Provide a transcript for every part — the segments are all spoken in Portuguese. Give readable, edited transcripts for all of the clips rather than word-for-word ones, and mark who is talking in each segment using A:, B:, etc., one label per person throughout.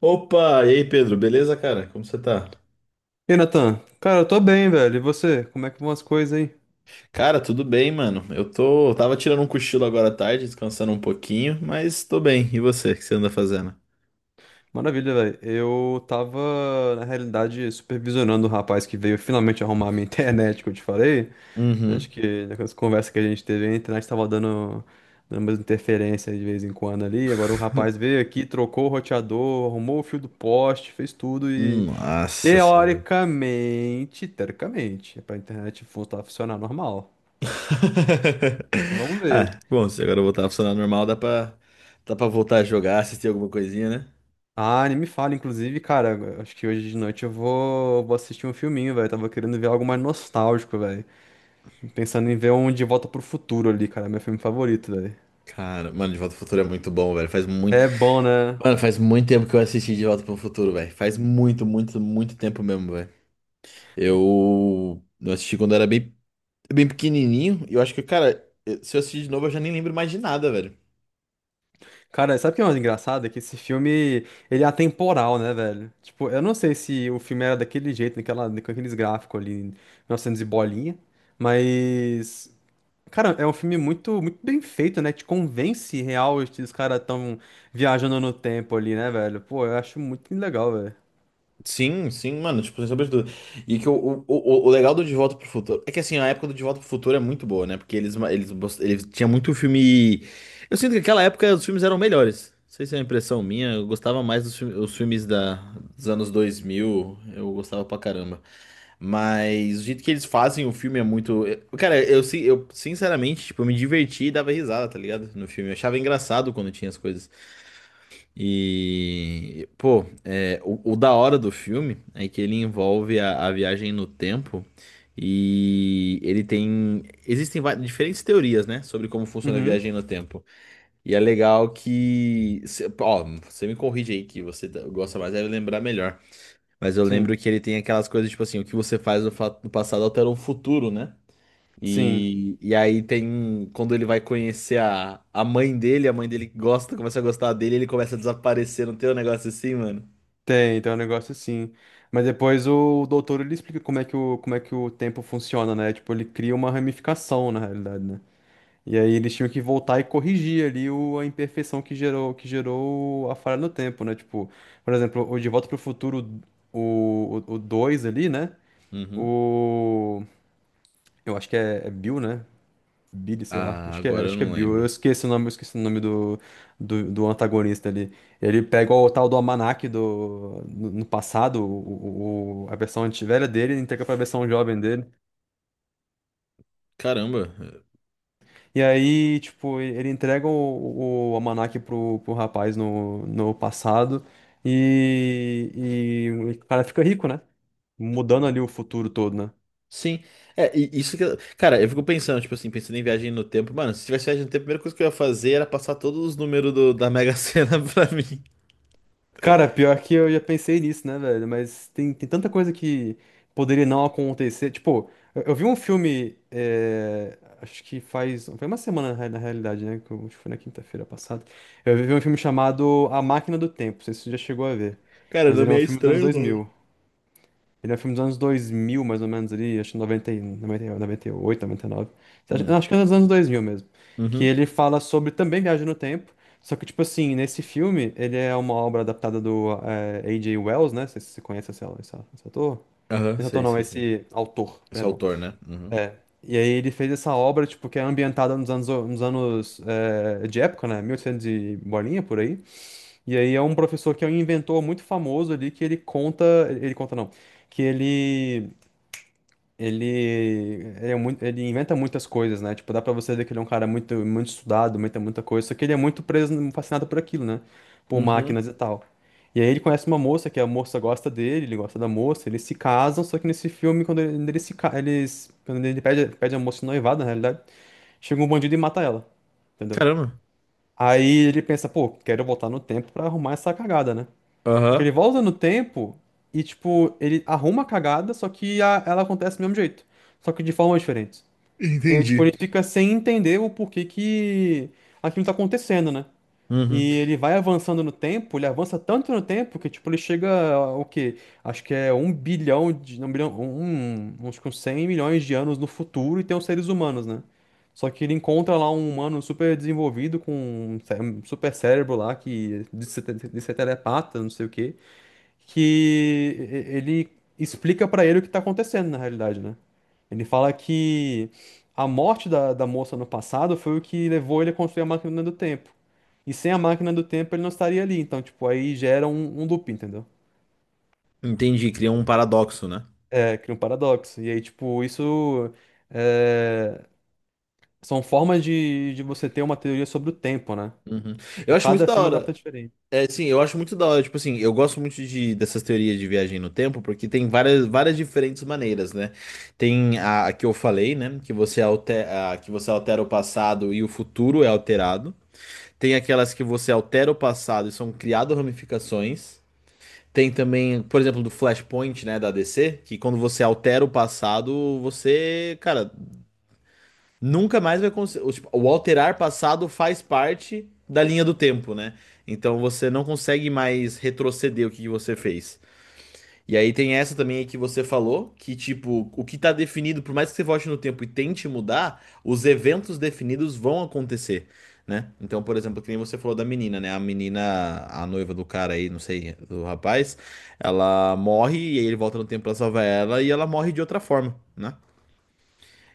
A: Opa, e aí Pedro, beleza, cara? Como você tá?
B: E Natan, cara, eu tô bem, velho. E você? Como é que vão as coisas aí?
A: Cara, tudo bem, mano. Eu tava tirando um cochilo agora à tarde, descansando um pouquinho, mas tô bem. E você, o que você anda fazendo?
B: Maravilha, velho. Eu tava, na realidade, supervisionando o rapaz que veio finalmente arrumar a minha internet, que eu te falei. Acho
A: Uhum.
B: que naquelas conversas que a gente teve, a internet tava dando umas interferências de vez em quando ali. Agora o rapaz veio aqui, trocou o roteador, arrumou o fio do poste, fez tudo e,
A: Nossa Senhora.
B: teoricamente, é pra internet voltar a funcionar normal. Mas vamos
A: Ah,
B: ver.
A: bom, se agora eu voltar a funcionar normal, dá pra voltar a jogar, assistir alguma coisinha, né?
B: Ah, nem me fala, inclusive, cara, acho que hoje de noite eu vou assistir um filminho, velho. Tava querendo ver algo mais nostálgico, velho. Pensando em ver um De Volta pro Futuro ali, cara, meu filme favorito, velho.
A: Cara, mano, De Volta pro Futuro é muito bom, velho. Faz muito.
B: É bom, né?
A: Mano, faz muito tempo que eu assisti De Volta pro Futuro, velho. Faz muito, muito, muito tempo mesmo, velho. Eu assisti quando eu era bem É bem pequenininho. E eu acho que, cara, se eu assistir de novo, eu já nem lembro mais de nada, velho.
B: Cara, sabe o que é mais engraçado? É que esse filme, ele é atemporal, né, velho? Tipo, eu não sei se o filme era daquele jeito, naquela, com aqueles gráficos ali, 1900 e bolinha, mas cara, é um filme muito, muito bem feito, né? Te convence real que os caras tão viajando no tempo ali, né, velho? Pô, eu acho muito legal, velho.
A: Sim, sim, mano, tipo, sem sombra de dúvida. E que o legal do De Volta pro Futuro é que assim, a época do De Volta pro Futuro é muito boa, né? Porque eles, ma- eles, bos- eles tinham muito filme. Eu sinto que naquela época os filmes eram melhores. Não sei se é uma impressão minha, eu gostava mais dos filmes, dos anos 2000 eu gostava pra caramba. Mas o jeito que eles fazem o filme é muito. Cara, eu sinceramente, tipo, eu me diverti e dava risada, tá ligado? No filme. Eu achava engraçado quando tinha as coisas. E, pô, é, o da hora do filme é que ele envolve a viagem no tempo e ele tem. Diferentes teorias, né, sobre como funciona a
B: Uhum,
A: viagem no tempo. E é legal que. Ó, você me corrige aí que gosta mais, deve lembrar melhor. Mas eu
B: sim,
A: lembro que ele tem aquelas coisas tipo assim: o que você faz no, no passado altera o futuro, né?
B: sim.
A: E aí tem. Quando ele vai conhecer a mãe dele gosta, começa a gostar dele, ele começa a desaparecer, não tem um negócio assim, mano?
B: Tem um negócio assim. Mas depois o doutor ele explica como é que o tempo funciona, né? Tipo, ele cria uma ramificação, na realidade, né? E aí eles tinham que voltar e corrigir ali a imperfeição que gerou a falha no tempo, né? Tipo, por exemplo, o De Volta pro Futuro, o 2 ali, né?
A: Uhum.
B: O. Eu acho que é Bill, né? Billy, sei lá.
A: Ah,
B: Acho que é,
A: agora
B: acho
A: eu
B: que é
A: não
B: Bill. Eu
A: lembro.
B: esqueci o nome, eu esqueci o nome do, do, do antagonista ali. Ele pega o tal do almanaque do, no, no passado, a versão velha dele, e entrega pra versão jovem dele.
A: Caramba.
B: E aí, tipo, ele entrega o almanaque pro rapaz no passado e, e o cara fica rico, né? Mudando ali o futuro todo, né?
A: Sim. É, e isso que. Cara, eu fico pensando, tipo assim, pensando em viagem no tempo. Mano, se tivesse viagem no tempo, a primeira coisa que eu ia fazer era passar todos os números da Mega Sena pra mim.
B: Cara, pior que eu já pensei nisso, né, velho? Mas tem tanta coisa que poderia não acontecer. Tipo, eu vi um filme, é, acho que faz. Foi uma semana na realidade, né? Acho que foi na quinta-feira passada. Eu vi um filme chamado A Máquina do Tempo. Não sei se você já chegou a ver.
A: Cara,
B: Mas
A: não
B: ele é
A: me
B: um
A: é
B: filme dos anos
A: estranho o
B: dois
A: nome.
B: mil. Ele é um filme dos anos 2000 mais ou menos, ali, acho que 90, 98, 99.
A: Hum.
B: Acho que é dos anos 2000 mesmo. Que
A: Uhum.
B: ele fala sobre também viagem no tempo, só que, tipo assim, nesse filme, ele é uma obra adaptada do A.J. Wells, né? Não sei se você conhece esse ator.
A: Aham,
B: Esse ator
A: sei,
B: não,
A: sei, sei.
B: esse autor,
A: Esse é
B: perdão.
A: autor, né? Uhum.
B: E aí ele fez essa obra, tipo, que é ambientada nos anos, nos anos de época, né? Mil e oitocentos e bolinha, por aí. E aí é um professor que é um inventor muito famoso ali, que ele conta... Ele conta, não. Que ele... Ele é muito, ele inventa muitas coisas, né? Tipo, dá pra você ver que ele é um cara muito, muito estudado, muita, muita coisa, só que ele é muito preso, fascinado por aquilo, né? Por
A: Uhum.
B: máquinas e tal. E aí ele conhece uma moça, que a moça gosta dele, ele gosta da moça, eles se casam, só que nesse filme, quando ele, quando eles se, ca- eles, quando ele pede a moça em noivado, na realidade, chega um bandido e mata ela, entendeu?
A: Caramba.
B: Aí ele pensa, pô, quero voltar no tempo pra arrumar essa cagada, né? Só que
A: Aham.
B: ele volta no tempo e, tipo, ele arruma a cagada, só que ela acontece do mesmo jeito. Só que de formas diferentes. E aí, tipo, ele
A: Entendi.
B: fica sem entender o porquê que aquilo tá acontecendo, né?
A: Uhum.
B: E ele vai avançando no tempo, ele avança tanto no tempo que, tipo, ele chega, o quê? Acho que é um bilhão de... Não, um bilhão... Um, uns com 100 milhões de anos no futuro e tem os seres humanos, né? Só que ele encontra lá um humano super desenvolvido com um super cérebro lá que diz ser telepata, não sei o quê que ele explica pra ele o que tá acontecendo na realidade, né? Ele fala que a morte da, da moça no passado foi o que levou ele a construir a máquina do tempo. E sem a máquina do tempo ele não estaria ali. Então, tipo, aí gera um loop, entendeu?
A: Entendi, cria um paradoxo, né?
B: É, cria um paradoxo. E aí, tipo, isso é, são formas de você ter uma teoria sobre o tempo, né?
A: Uhum. Eu
B: Tipo,
A: acho muito
B: cada
A: da
B: filme adapta
A: hora.
B: diferente.
A: É, sim, eu acho muito da hora. Tipo assim, eu gosto muito de, dessas teorias de viagem no tempo, porque tem várias, várias diferentes maneiras, né? Tem a que eu falei, né? Que você altera, que você altera o passado e o futuro é alterado. Tem aquelas que você altera o passado e são criadas ramificações. Tem também, por exemplo, do Flashpoint, né, da DC, que quando você altera o passado, você, cara, nunca mais vai conseguir. Tipo, o alterar passado faz parte da linha do tempo, né? Então você não consegue mais retroceder o que que você fez. E aí tem essa também aí que você falou, que tipo, o que tá definido, por mais que você volte no tempo e tente mudar, os eventos definidos vão acontecer, né? Então, por exemplo, que nem você falou da menina, né? A menina, a noiva do cara aí, não sei, do rapaz, ela morre e aí ele volta no tempo pra salvar ela e ela morre de outra forma, né?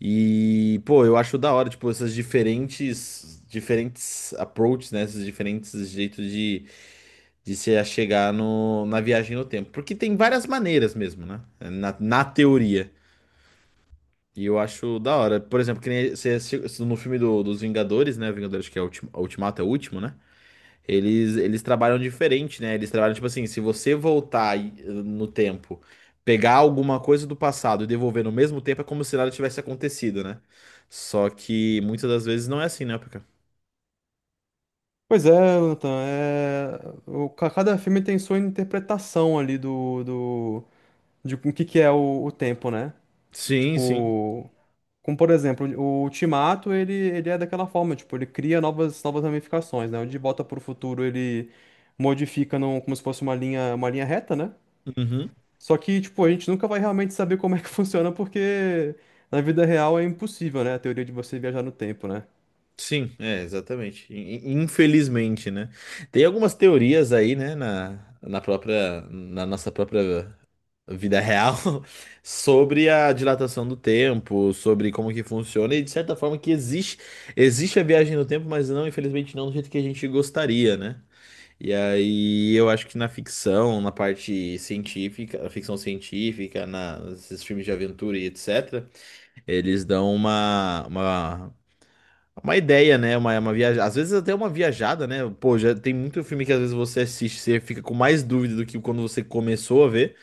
A: E, pô, eu acho da hora, tipo, essas diferentes approaches, né? Esses diferentes jeitos de se chegar no, na viagem no tempo. Porque tem várias maneiras mesmo, né? Na teoria. E eu acho da hora. Por exemplo, que nem você, no filme dos Vingadores, né? Vingadores que é o Ultimato, é o último, né? Eles trabalham diferente, né? Eles trabalham tipo assim, se você no tempo, pegar alguma coisa do passado e devolver no mesmo tempo, é como se nada tivesse acontecido, né? Só que muitas das vezes não é assim, né, Pika?
B: Pois é, Nathan, é, cada filme tem sua interpretação ali de o que que é o tempo, né?
A: Sim, sim.
B: Tipo, como por exemplo, o Ultimato, ele é daquela forma, tipo, ele cria novas, novas ramificações, né? O De Volta para o Futuro, ele modifica num, como se fosse uma linha reta, né?
A: Uhum.
B: Só que, tipo, a gente nunca vai realmente saber como é que funciona, porque na vida real é impossível, né? A teoria de você viajar no tempo, né?
A: Sim, é, exatamente. Infelizmente, né? Tem algumas teorias aí, né, na própria, na nossa própria vida real sobre a dilatação do tempo, sobre como que funciona e de certa forma que existe, existe a viagem no tempo, mas não, infelizmente não do jeito que a gente gostaria, né? E aí eu acho que na ficção, na parte científica, a ficção científica, nesses filmes de aventura e etc, eles dão uma ideia, né? Uma viaja... Às vezes até uma viajada, né? Pô, já tem muito filme que às vezes você assiste, você fica com mais dúvida do que quando você começou a ver.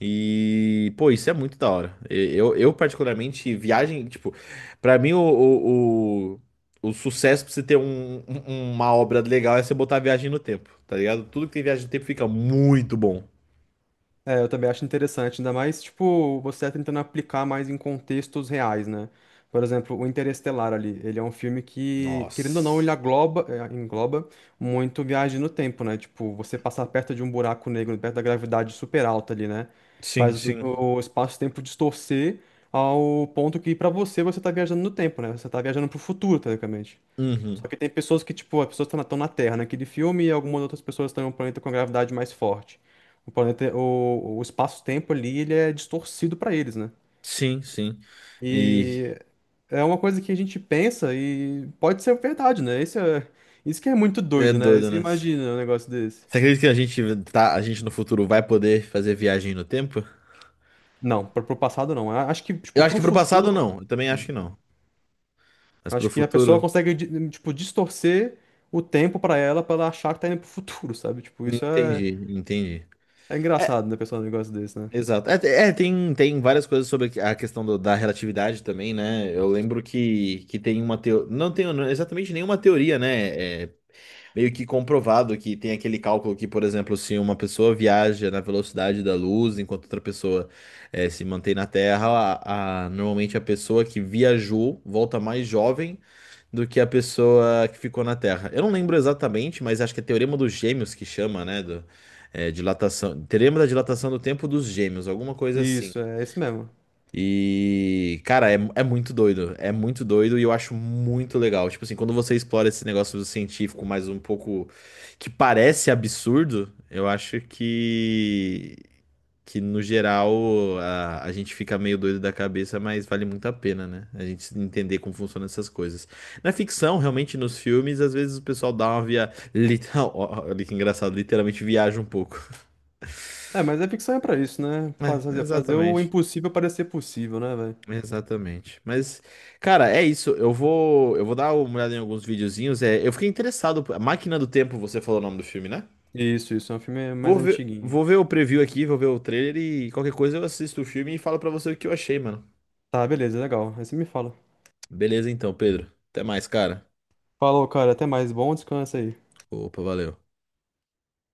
A: E, pô, isso é muito da hora. Eu particularmente, viagem, tipo, pra mim o sucesso pra você ter uma obra legal é você botar viagem no tempo, tá ligado? Tudo que tem viagem no tempo fica muito bom.
B: É, eu também acho interessante, ainda mais, tipo, você tentando aplicar mais em contextos reais, né? Por exemplo, o Interestelar ali, ele é um filme que, querendo ou não,
A: Nossa.
B: ele agloba, é, engloba muito viagem no tempo, né? Tipo, você passar perto de um buraco negro, perto da gravidade super alta ali, né?
A: Sim,
B: Faz o,
A: sim.
B: o espaço-tempo distorcer ao ponto que, pra você, você tá viajando no tempo, né? Você tá viajando pro futuro, teoricamente. Só
A: Uhum.
B: que tem pessoas que, tipo, as pessoas estão na tão na Terra naquele filme e algumas outras pessoas estão em um planeta com a gravidade mais forte. O planeta, o espaço-tempo ali, ele é distorcido para eles, né?
A: Sim, sim. E
B: E é uma coisa que a gente pensa e pode ser verdade, né? Isso é, isso que é muito
A: é
B: doido, né?
A: doido,
B: Você
A: né?
B: imagina um negócio desse.
A: Você acredita que a gente no futuro vai poder fazer viagem no tempo?
B: Não, pro passado não. Acho que,
A: Eu
B: tipo,
A: acho que
B: pro
A: pro
B: futuro,
A: passado não, eu também acho
B: sim.
A: que não. Mas pro
B: Acho que a pessoa
A: futuro,
B: consegue, tipo, distorcer o tempo para ela achar que tá indo pro futuro, sabe? Tipo, isso é,
A: entendi, entendi.
B: é
A: É,
B: engraçado, né, pessoal, um negócio desse, né?
A: exato. Tem, tem várias coisas sobre a da relatividade também, né? Eu lembro que tem uma teoria. Não tenho não, exatamente nenhuma teoria, né? Meio que comprovado que tem aquele cálculo que, por exemplo, se uma pessoa viaja na velocidade da luz enquanto outra pessoa se mantém na Terra, normalmente a pessoa que viajou volta mais jovem do que a pessoa que ficou na Terra. Eu não lembro exatamente, mas acho que é Teorema dos Gêmeos que chama, né? Do, dilatação, Teorema da dilatação do tempo dos gêmeos, alguma coisa assim.
B: Isso, é esse mesmo.
A: E, cara, é muito doido. É muito doido e eu acho muito legal. Tipo assim, quando você explora esse negócio científico mais um pouco que parece absurdo, eu acho que no geral, a gente fica meio doido da cabeça, mas vale muito a pena, né? A gente entender como funcionam essas coisas. Na ficção, realmente, nos filmes, às vezes o pessoal dá uma via. Literal... Olha que engraçado, literalmente viaja um pouco.
B: É, mas a ficção é pra isso, né?
A: É,
B: Fazer o
A: exatamente.
B: impossível parecer possível, né, velho?
A: Exatamente. Mas, cara, é isso. Eu vou dar uma olhada em alguns videozinhos. É, eu fiquei interessado. A Máquina do Tempo, você falou o nome do filme, né?
B: Isso, isso. É um filme mais antiguinho.
A: Vou ver o preview aqui, vou ver o trailer e qualquer coisa eu assisto o filme e falo pra você o que eu achei, mano.
B: Tá, beleza, legal. Aí você me fala.
A: Beleza então, Pedro. Até mais, cara.
B: Falou, cara. Até mais. Bom descanso aí.
A: Opa, valeu.